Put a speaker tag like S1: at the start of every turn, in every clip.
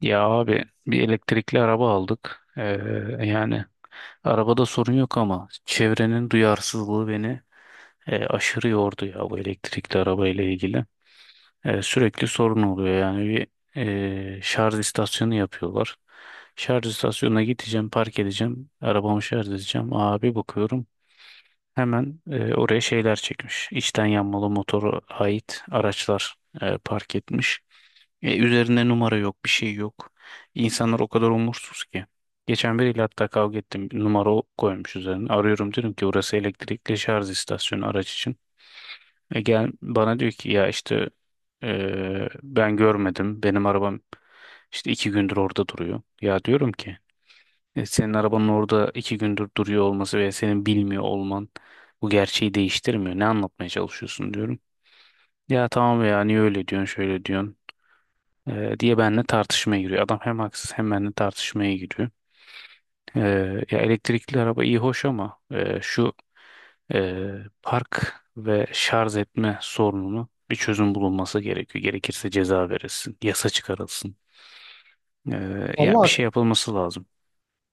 S1: Ya abi bir elektrikli araba aldık. Yani arabada sorun yok ama çevrenin duyarsızlığı beni aşırı yordu ya bu elektrikli araba ile ilgili. Sürekli sorun oluyor yani bir şarj istasyonu yapıyorlar. Şarj istasyonuna gideceğim, park edeceğim, arabamı şarj edeceğim. Abi bakıyorum hemen oraya şeyler çekmiş. İçten yanmalı motoru ait araçlar park etmiş. Üzerinde numara yok, bir şey yok. İnsanlar o kadar umursuz ki. Geçen biriyle hatta kavga ettim. Bir Numara o koymuş üzerine. Arıyorum diyorum ki burası elektrikli şarj istasyonu araç için. E gel bana diyor ki ya işte ben görmedim. Benim arabam işte iki gündür orada duruyor. Ya diyorum ki "E, senin arabanın orada iki gündür duruyor olması veya senin bilmiyor olman bu gerçeği değiştirmiyor. Ne anlatmaya çalışıyorsun diyorum. Ya tamam ya niye öyle diyorsun şöyle diyorsun diye benimle tartışmaya giriyor. Adam hem haksız hem benimle tartışmaya giriyor. E, Ya elektrikli araba iyi hoş ama park ve şarj etme sorununu bir çözüm bulunması gerekiyor. Gerekirse ceza verilsin, yasa çıkarılsın. Ya bir şey
S2: Vallahi
S1: yapılması lazım.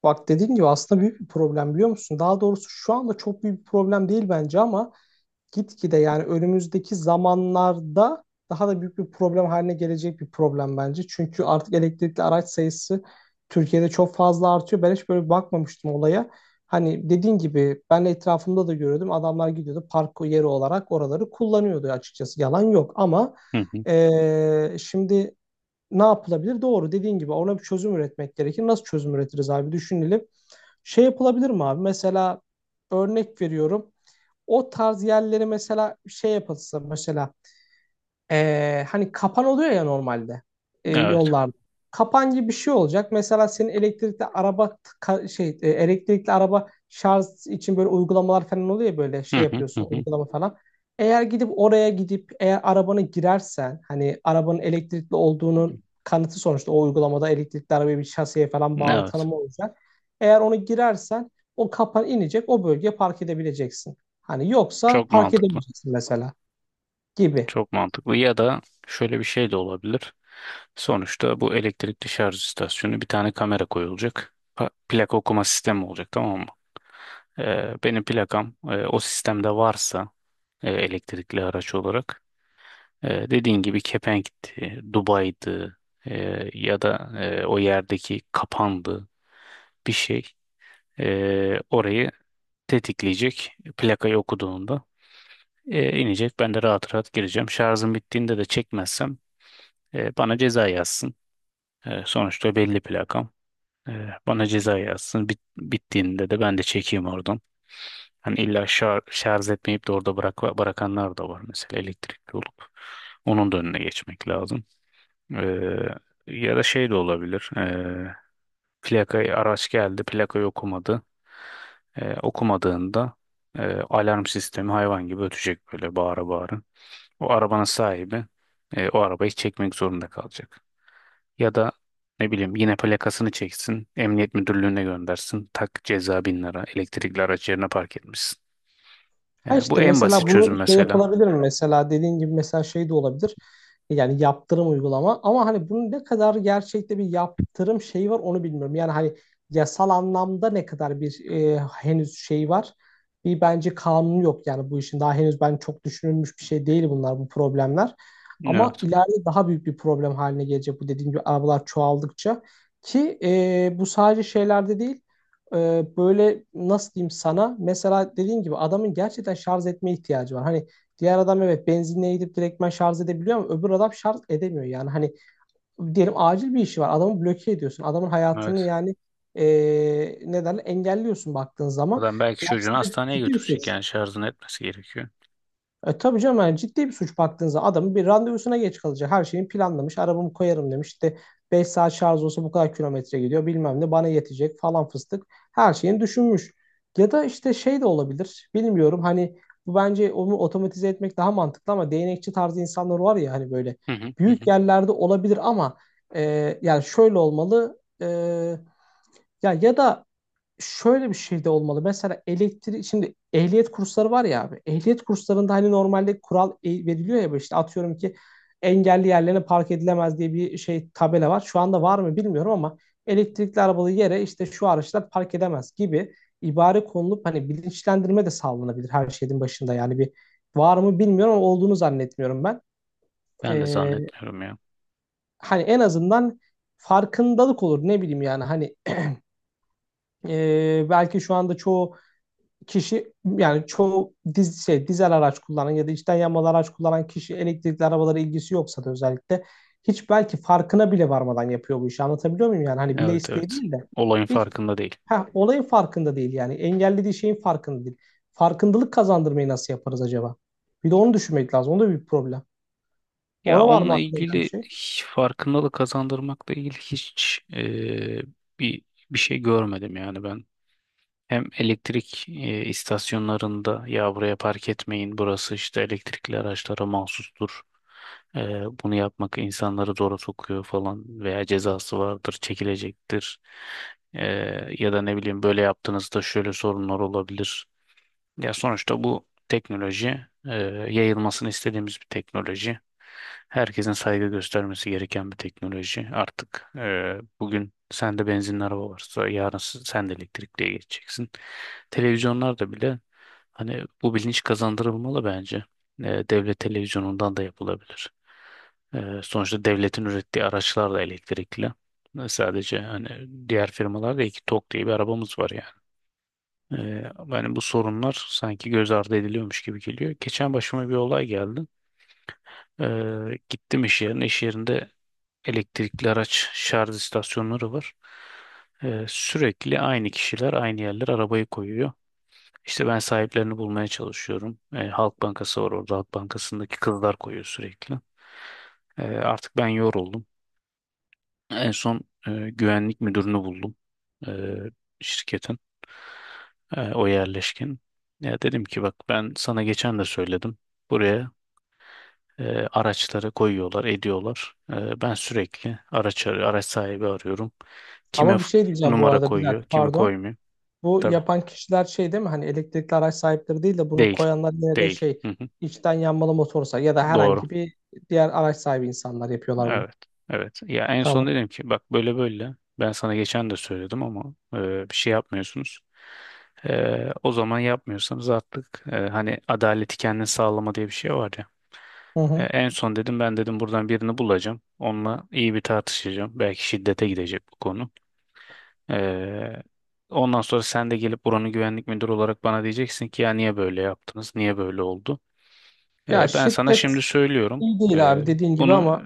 S2: bak dediğin gibi aslında büyük bir problem biliyor musun? Daha doğrusu şu anda çok büyük bir problem değil bence ama gitgide yani önümüzdeki zamanlarda daha da büyük bir problem haline gelecek bir problem bence. Çünkü artık elektrikli araç sayısı Türkiye'de çok fazla artıyor. Ben hiç böyle bakmamıştım olaya. Hani dediğin gibi ben de etrafımda da görüyordum. Adamlar gidiyordu park yeri olarak oraları kullanıyordu açıkçası. Yalan yok ama
S1: Hı hı.
S2: şimdi ne yapılabilir? Doğru dediğin gibi ona bir çözüm üretmek gerekir. Nasıl çözüm üretiriz abi düşünelim. Şey yapılabilir mi abi? Mesela örnek veriyorum. O tarz yerleri mesela şey yapılsa mesela hani kapan oluyor ya normalde
S1: Evet.
S2: yollarda. Kapan gibi bir şey olacak. Mesela senin elektrikli araba şey elektrikli araba şarj için böyle uygulamalar falan oluyor ya böyle
S1: Hı
S2: şey
S1: hı hı
S2: yapıyorsun
S1: hı.
S2: uygulama falan. Eğer gidip oraya gidip eğer arabanı girersen hani arabanın elektrikli olduğunun kanıtı sonuçta o uygulamada elektrikli arabaya bir şaseye falan bağlı
S1: Evet.
S2: tanımı olacak. Eğer onu girersen o kapan inecek o bölgeye park edebileceksin. Hani yoksa
S1: Çok
S2: park
S1: mantıklı.
S2: edemeyeceksin mesela gibi.
S1: Çok mantıklı. Ya da şöyle bir şey de olabilir. Sonuçta bu elektrikli şarj istasyonu bir tane kamera koyulacak. Plaka okuma sistemi olacak, tamam mı? Benim plakam o sistemde varsa elektrikli araç olarak dediğin gibi kepenkti, Dubai'di, ya da o yerdeki kapandı, bir şey orayı tetikleyecek plakayı okuduğunda inecek. Ben de rahat rahat gireceğim. Şarjım bittiğinde de çekmezsem, bana ceza yazsın. Sonuçta belli plakam. Bana ceza yazsın. Bittiğinde de ben de çekeyim oradan. Hani illa şarj etmeyip de orada bırakanlar da var mesela elektrikli olup. Onun da önüne geçmek lazım. E, Ya da şey de olabilir. Plakayı araç geldi, plakayı okumadı. Okumadığında alarm sistemi hayvan gibi ötecek böyle bağıra bağıra. O arabanın sahibi o arabayı çekmek zorunda kalacak. Ya da ne bileyim yine plakasını çeksin, emniyet müdürlüğüne göndersin. Tak ceza bin lira, elektrikli araç yerine park etmişsin.
S2: Ha
S1: Bu
S2: işte
S1: en basit
S2: mesela
S1: çözüm
S2: bunu şey
S1: mesela.
S2: yapılabilir mi? Mesela dediğin gibi mesela şey de olabilir. Yani yaptırım uygulama. Ama hani bunun ne kadar gerçekte bir yaptırım şeyi var onu bilmiyorum. Yani hani yasal anlamda ne kadar bir henüz şey var. Bir bence kanun yok yani bu işin. Daha henüz ben çok düşünülmüş bir şey değil bunlar bu problemler. Ama
S1: Evet,
S2: ileride daha büyük bir problem haline gelecek bu dediğim gibi arabalar çoğaldıkça. Ki bu sadece şeylerde değil e, böyle nasıl diyeyim sana mesela dediğin gibi adamın gerçekten şarj etme ihtiyacı var. Hani diğer adam evet benzinliğe gidip direktmen şarj edebiliyor ama öbür adam şarj edemiyor. Yani hani diyelim acil bir işi var adamı bloke ediyorsun. Adamın hayatını
S1: evet.
S2: yani e, neden engelliyorsun baktığın zaman.
S1: Adam belki
S2: Bu
S1: çocuğunu
S2: aslında
S1: hastaneye
S2: ciddi bir suç.
S1: götürecek yani şarjını etmesi gerekiyor.
S2: E tabii canım yani ciddi bir suç baktığınızda adamın bir randevusuna geç kalacak. Her şeyini planlamış. Arabamı koyarım demiş. İşte 5 saat şarj olsa bu kadar kilometre gidiyor. Bilmem ne bana yetecek falan fıstık. Her şeyini düşünmüş. Ya da işte şey de olabilir. Bilmiyorum hani bu bence onu otomatize etmek daha mantıklı ama değnekçi tarzı insanlar var ya hani böyle
S1: Hı hı, hı
S2: büyük
S1: hı.
S2: yerlerde olabilir ama yani şöyle olmalı. Ya da şöyle bir şey de olmalı. Mesela elektrik şimdi ehliyet kursları var ya abi. Ehliyet kurslarında hani normalde kural veriliyor ya işte atıyorum ki engelli yerlerine park edilemez diye bir şey tabela var. Şu anda var mı bilmiyorum ama elektrikli arabalı yere işte şu araçlar park edemez gibi ibare konulup hani bilinçlendirme de sağlanabilir her şeyin başında. Yani bir var mı bilmiyorum ama olduğunu zannetmiyorum ben.
S1: Ben de
S2: Ee,
S1: zannetmiyorum ya.
S2: hani en azından farkındalık olur ne bileyim yani hani belki şu anda çoğu kişi yani çoğu dizel araç kullanan ya da içten yanmalı araç kullanan kişi elektrikli arabalara ilgisi yoksa da özellikle hiç belki farkına bile varmadan yapıyor bu işi anlatabiliyor muyum yani hani bile
S1: Evet
S2: isteği
S1: evet.
S2: değil de
S1: Olayın
S2: hiç
S1: farkında değil.
S2: heh, olayın farkında değil yani engellediği şeyin farkında değil. Farkındalık kazandırmayı nasıl yaparız acaba? Bir de onu düşünmek lazım. O da bir problem.
S1: Ya
S2: Ona var mı
S1: onunla
S2: aklına gelen bir
S1: ilgili
S2: şey?
S1: hiç farkındalık kazandırmakla ilgili hiç bir bir şey görmedim yani ben. Hem elektrik istasyonlarında ya buraya park etmeyin burası işte elektrikli araçlara mahsustur. E, Bunu yapmak insanları zora sokuyor falan veya cezası vardır çekilecektir. E, Ya da ne bileyim böyle yaptığınızda şöyle sorunlar olabilir. Ya sonuçta bu teknoloji e, yayılmasını istediğimiz bir teknoloji. Herkesin saygı göstermesi gereken bir teknoloji. Artık bugün sende benzinli araba varsa yarın sen de elektrikliye geçeceksin. Televizyonlarda bile hani bu bilinç kazandırılmalı bence. E, Devlet televizyonundan da yapılabilir. Sonuçta devletin ürettiği araçlar da elektrikli. E, sadece hani diğer firmalarda iki Tok diye bir arabamız var yani. Ee, Yani bu sorunlar sanki göz ardı ediliyormuş gibi geliyor. Geçen başıma bir olay geldi. Gittim iş yerine. İş yerinde elektrikli araç şarj istasyonları var. Sürekli aynı kişiler aynı yerler arabayı koyuyor. İşte ben sahiplerini bulmaya çalışıyorum. Halk Bankası var orada. Halk Bankası'ndaki kızlar koyuyor sürekli. Artık ben yoruldum. En son güvenlik müdürünü buldum, e, şirketin. E, o yerleşkin. Ya dedim ki bak ben sana geçen de söyledim. Buraya araçları koyuyorlar, ediyorlar. E, ben sürekli araç sahibi arıyorum. Kime
S2: Ama bir
S1: f-
S2: şey diyeceğim bu
S1: Numara
S2: arada bir
S1: koyuyor,
S2: dakika
S1: kimi
S2: pardon.
S1: koymuyor.
S2: Bu
S1: Tabii.
S2: yapan kişiler şey değil mi? Hani elektrikli araç sahipleri değil de bunu
S1: Değil.
S2: koyanlar yine de
S1: Değil.
S2: şey
S1: Hı hı.
S2: içten yanmalı motorsa ya da
S1: Doğru.
S2: herhangi bir diğer araç sahibi insanlar yapıyorlar bunu.
S1: Evet. Evet. Ya en son
S2: Tamam.
S1: dedim ki bak böyle böyle. Ben sana geçen de söyledim ama bir şey yapmıyorsunuz. O zaman yapmıyorsanız artık hani adaleti kendin sağlama diye bir şey var ya.
S2: Hı hı.
S1: En son dedim ben dedim buradan birini bulacağım. Onunla iyi bir tartışacağım. Belki şiddete gidecek bu konu. E, Ondan sonra sen de gelip buranın güvenlik müdürü olarak bana diyeceksin ki ya niye böyle yaptınız? Niye böyle oldu?
S2: Ya
S1: Ben sana şimdi
S2: şiddet
S1: söylüyorum.
S2: iyi değil
S1: Ee,
S2: abi dediğin gibi
S1: Bunu
S2: ama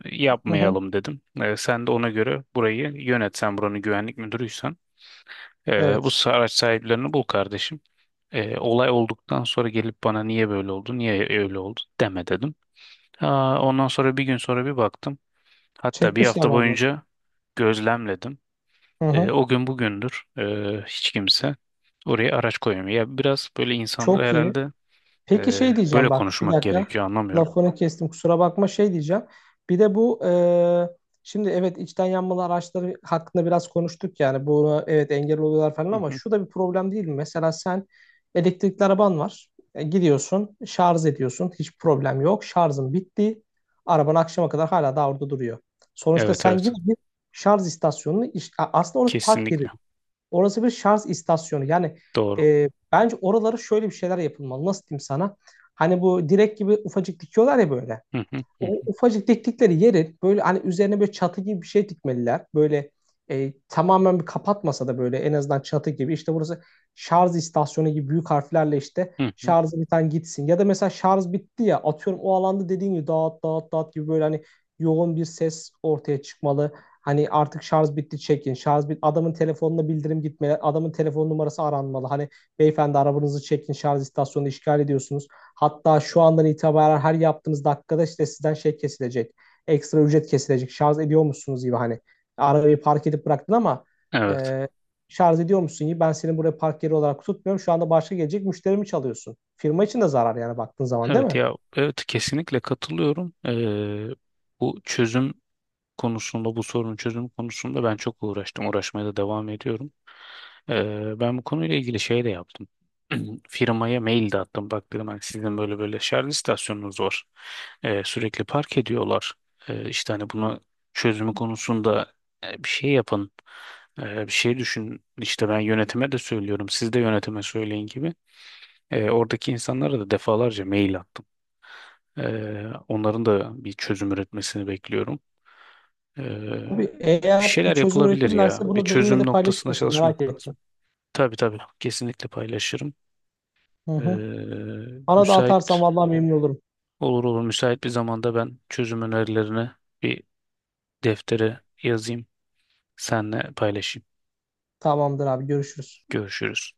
S2: hı hı.
S1: yapmayalım dedim. Sen de ona göre burayı yönet. Sen buranın güvenlik müdürüysen. Bu
S2: Evet.
S1: araç sahiplerini bul kardeşim. Olay olduktan sonra gelip bana niye böyle oldu, niye öyle oldu deme dedim. Aa, ondan sonra bir gün sonra bir baktım. Hatta bir
S2: Çekmişler
S1: hafta
S2: vallahi.
S1: boyunca gözlemledim.
S2: Hı hı.
S1: O gün bugündür hiç kimse oraya araç koymuyor. Ya biraz böyle insanlara
S2: Çok iyi.
S1: herhalde
S2: Peki şey
S1: böyle
S2: diyeceğim bak bir
S1: konuşmak
S2: dakika
S1: gerekiyor anlamıyorum.
S2: lafını kestim kusura bakma şey diyeceğim. Bir de bu şimdi evet içten yanmalı araçları hakkında biraz konuştuk yani bu evet engel oluyorlar falan
S1: Hı
S2: ama
S1: hı.
S2: şu da bir problem değil mi? Mesela sen elektrikli araban var. Gidiyorsun şarj ediyorsun hiç problem yok şarjın bitti araban akşama kadar hala da orada duruyor. Sonuçta
S1: Evet
S2: sen
S1: evet.
S2: yine bir şarj istasyonunu aslında orası park yeri.
S1: Kesinlikle
S2: Orası bir şarj istasyonu. Yani
S1: doğru.
S2: bence oraları şöyle bir şeyler yapılmalı. Nasıl diyeyim sana? Hani bu direk gibi ufacık dikiyorlar ya böyle.
S1: Hı hı,
S2: O
S1: hı
S2: ufacık diktikleri yerin böyle hani üzerine böyle çatı gibi bir şey dikmeliler. Böyle tamamen bir kapatmasa da böyle en azından çatı gibi işte burası şarj istasyonu gibi büyük harflerle işte
S1: hı, hı hı.
S2: şarjı biten gitsin. Ya da mesela şarj bitti ya atıyorum o alanda dediğin gibi dağıt dağıt dağıt gibi böyle hani yoğun bir ses ortaya çıkmalı. Hani artık şarj bitti çekin. Şarj bit adamın telefonuna bildirim gitmeli. Adamın telefon numarası aranmalı. Hani beyefendi arabanızı çekin şarj istasyonunu işgal ediyorsunuz. Hatta şu andan itibaren her yaptığınız dakikada işte sizden şey kesilecek. Ekstra ücret kesilecek. Şarj ediyor musunuz gibi hani. Arabayı park edip bıraktın ama
S1: Evet.
S2: e, şarj ediyor musun gibi. Ben seni buraya park yeri olarak tutmuyorum. Şu anda başka gelecek müşterimi çalıyorsun. Firma için de zarar yani baktığın zaman değil
S1: Evet
S2: mi?
S1: ya evet kesinlikle katılıyorum. Bu çözüm konusunda, bu sorunun çözümü konusunda ben çok uğraştım. Uğraşmaya da devam ediyorum. Ben bu konuyla ilgili şey de yaptım. Firmaya mail de attım. Bak dedim hani sizin böyle böyle şarj istasyonunuz var. Sürekli park ediyorlar. İşte hani bunu çözümü konusunda bir şey yapın. Bir şey düşün. İşte ben yönetime de söylüyorum. Siz de yönetime söyleyin gibi. Oradaki insanlara da defalarca mail attım. Onların da bir çözüm üretmesini bekliyorum. Ee,
S2: Abi
S1: bir
S2: eğer bir
S1: şeyler
S2: çözüm
S1: yapılabilir ya.
S2: üretirlerse
S1: Bir
S2: bunu benimle
S1: çözüm
S2: de paylaşır
S1: noktasında
S2: mısın? Merak
S1: çalışmak lazım.
S2: ettim.
S1: Tabii tabii. Kesinlikle paylaşırım.
S2: Hı hı.
S1: Ee,
S2: Bana da atarsan
S1: müsait
S2: vallahi memnun olurum.
S1: olur olur. Müsait bir zamanda ben çözüm önerilerini bir deftere yazayım. Senle paylaşayım.
S2: Tamamdır abi görüşürüz.
S1: Görüşürüz.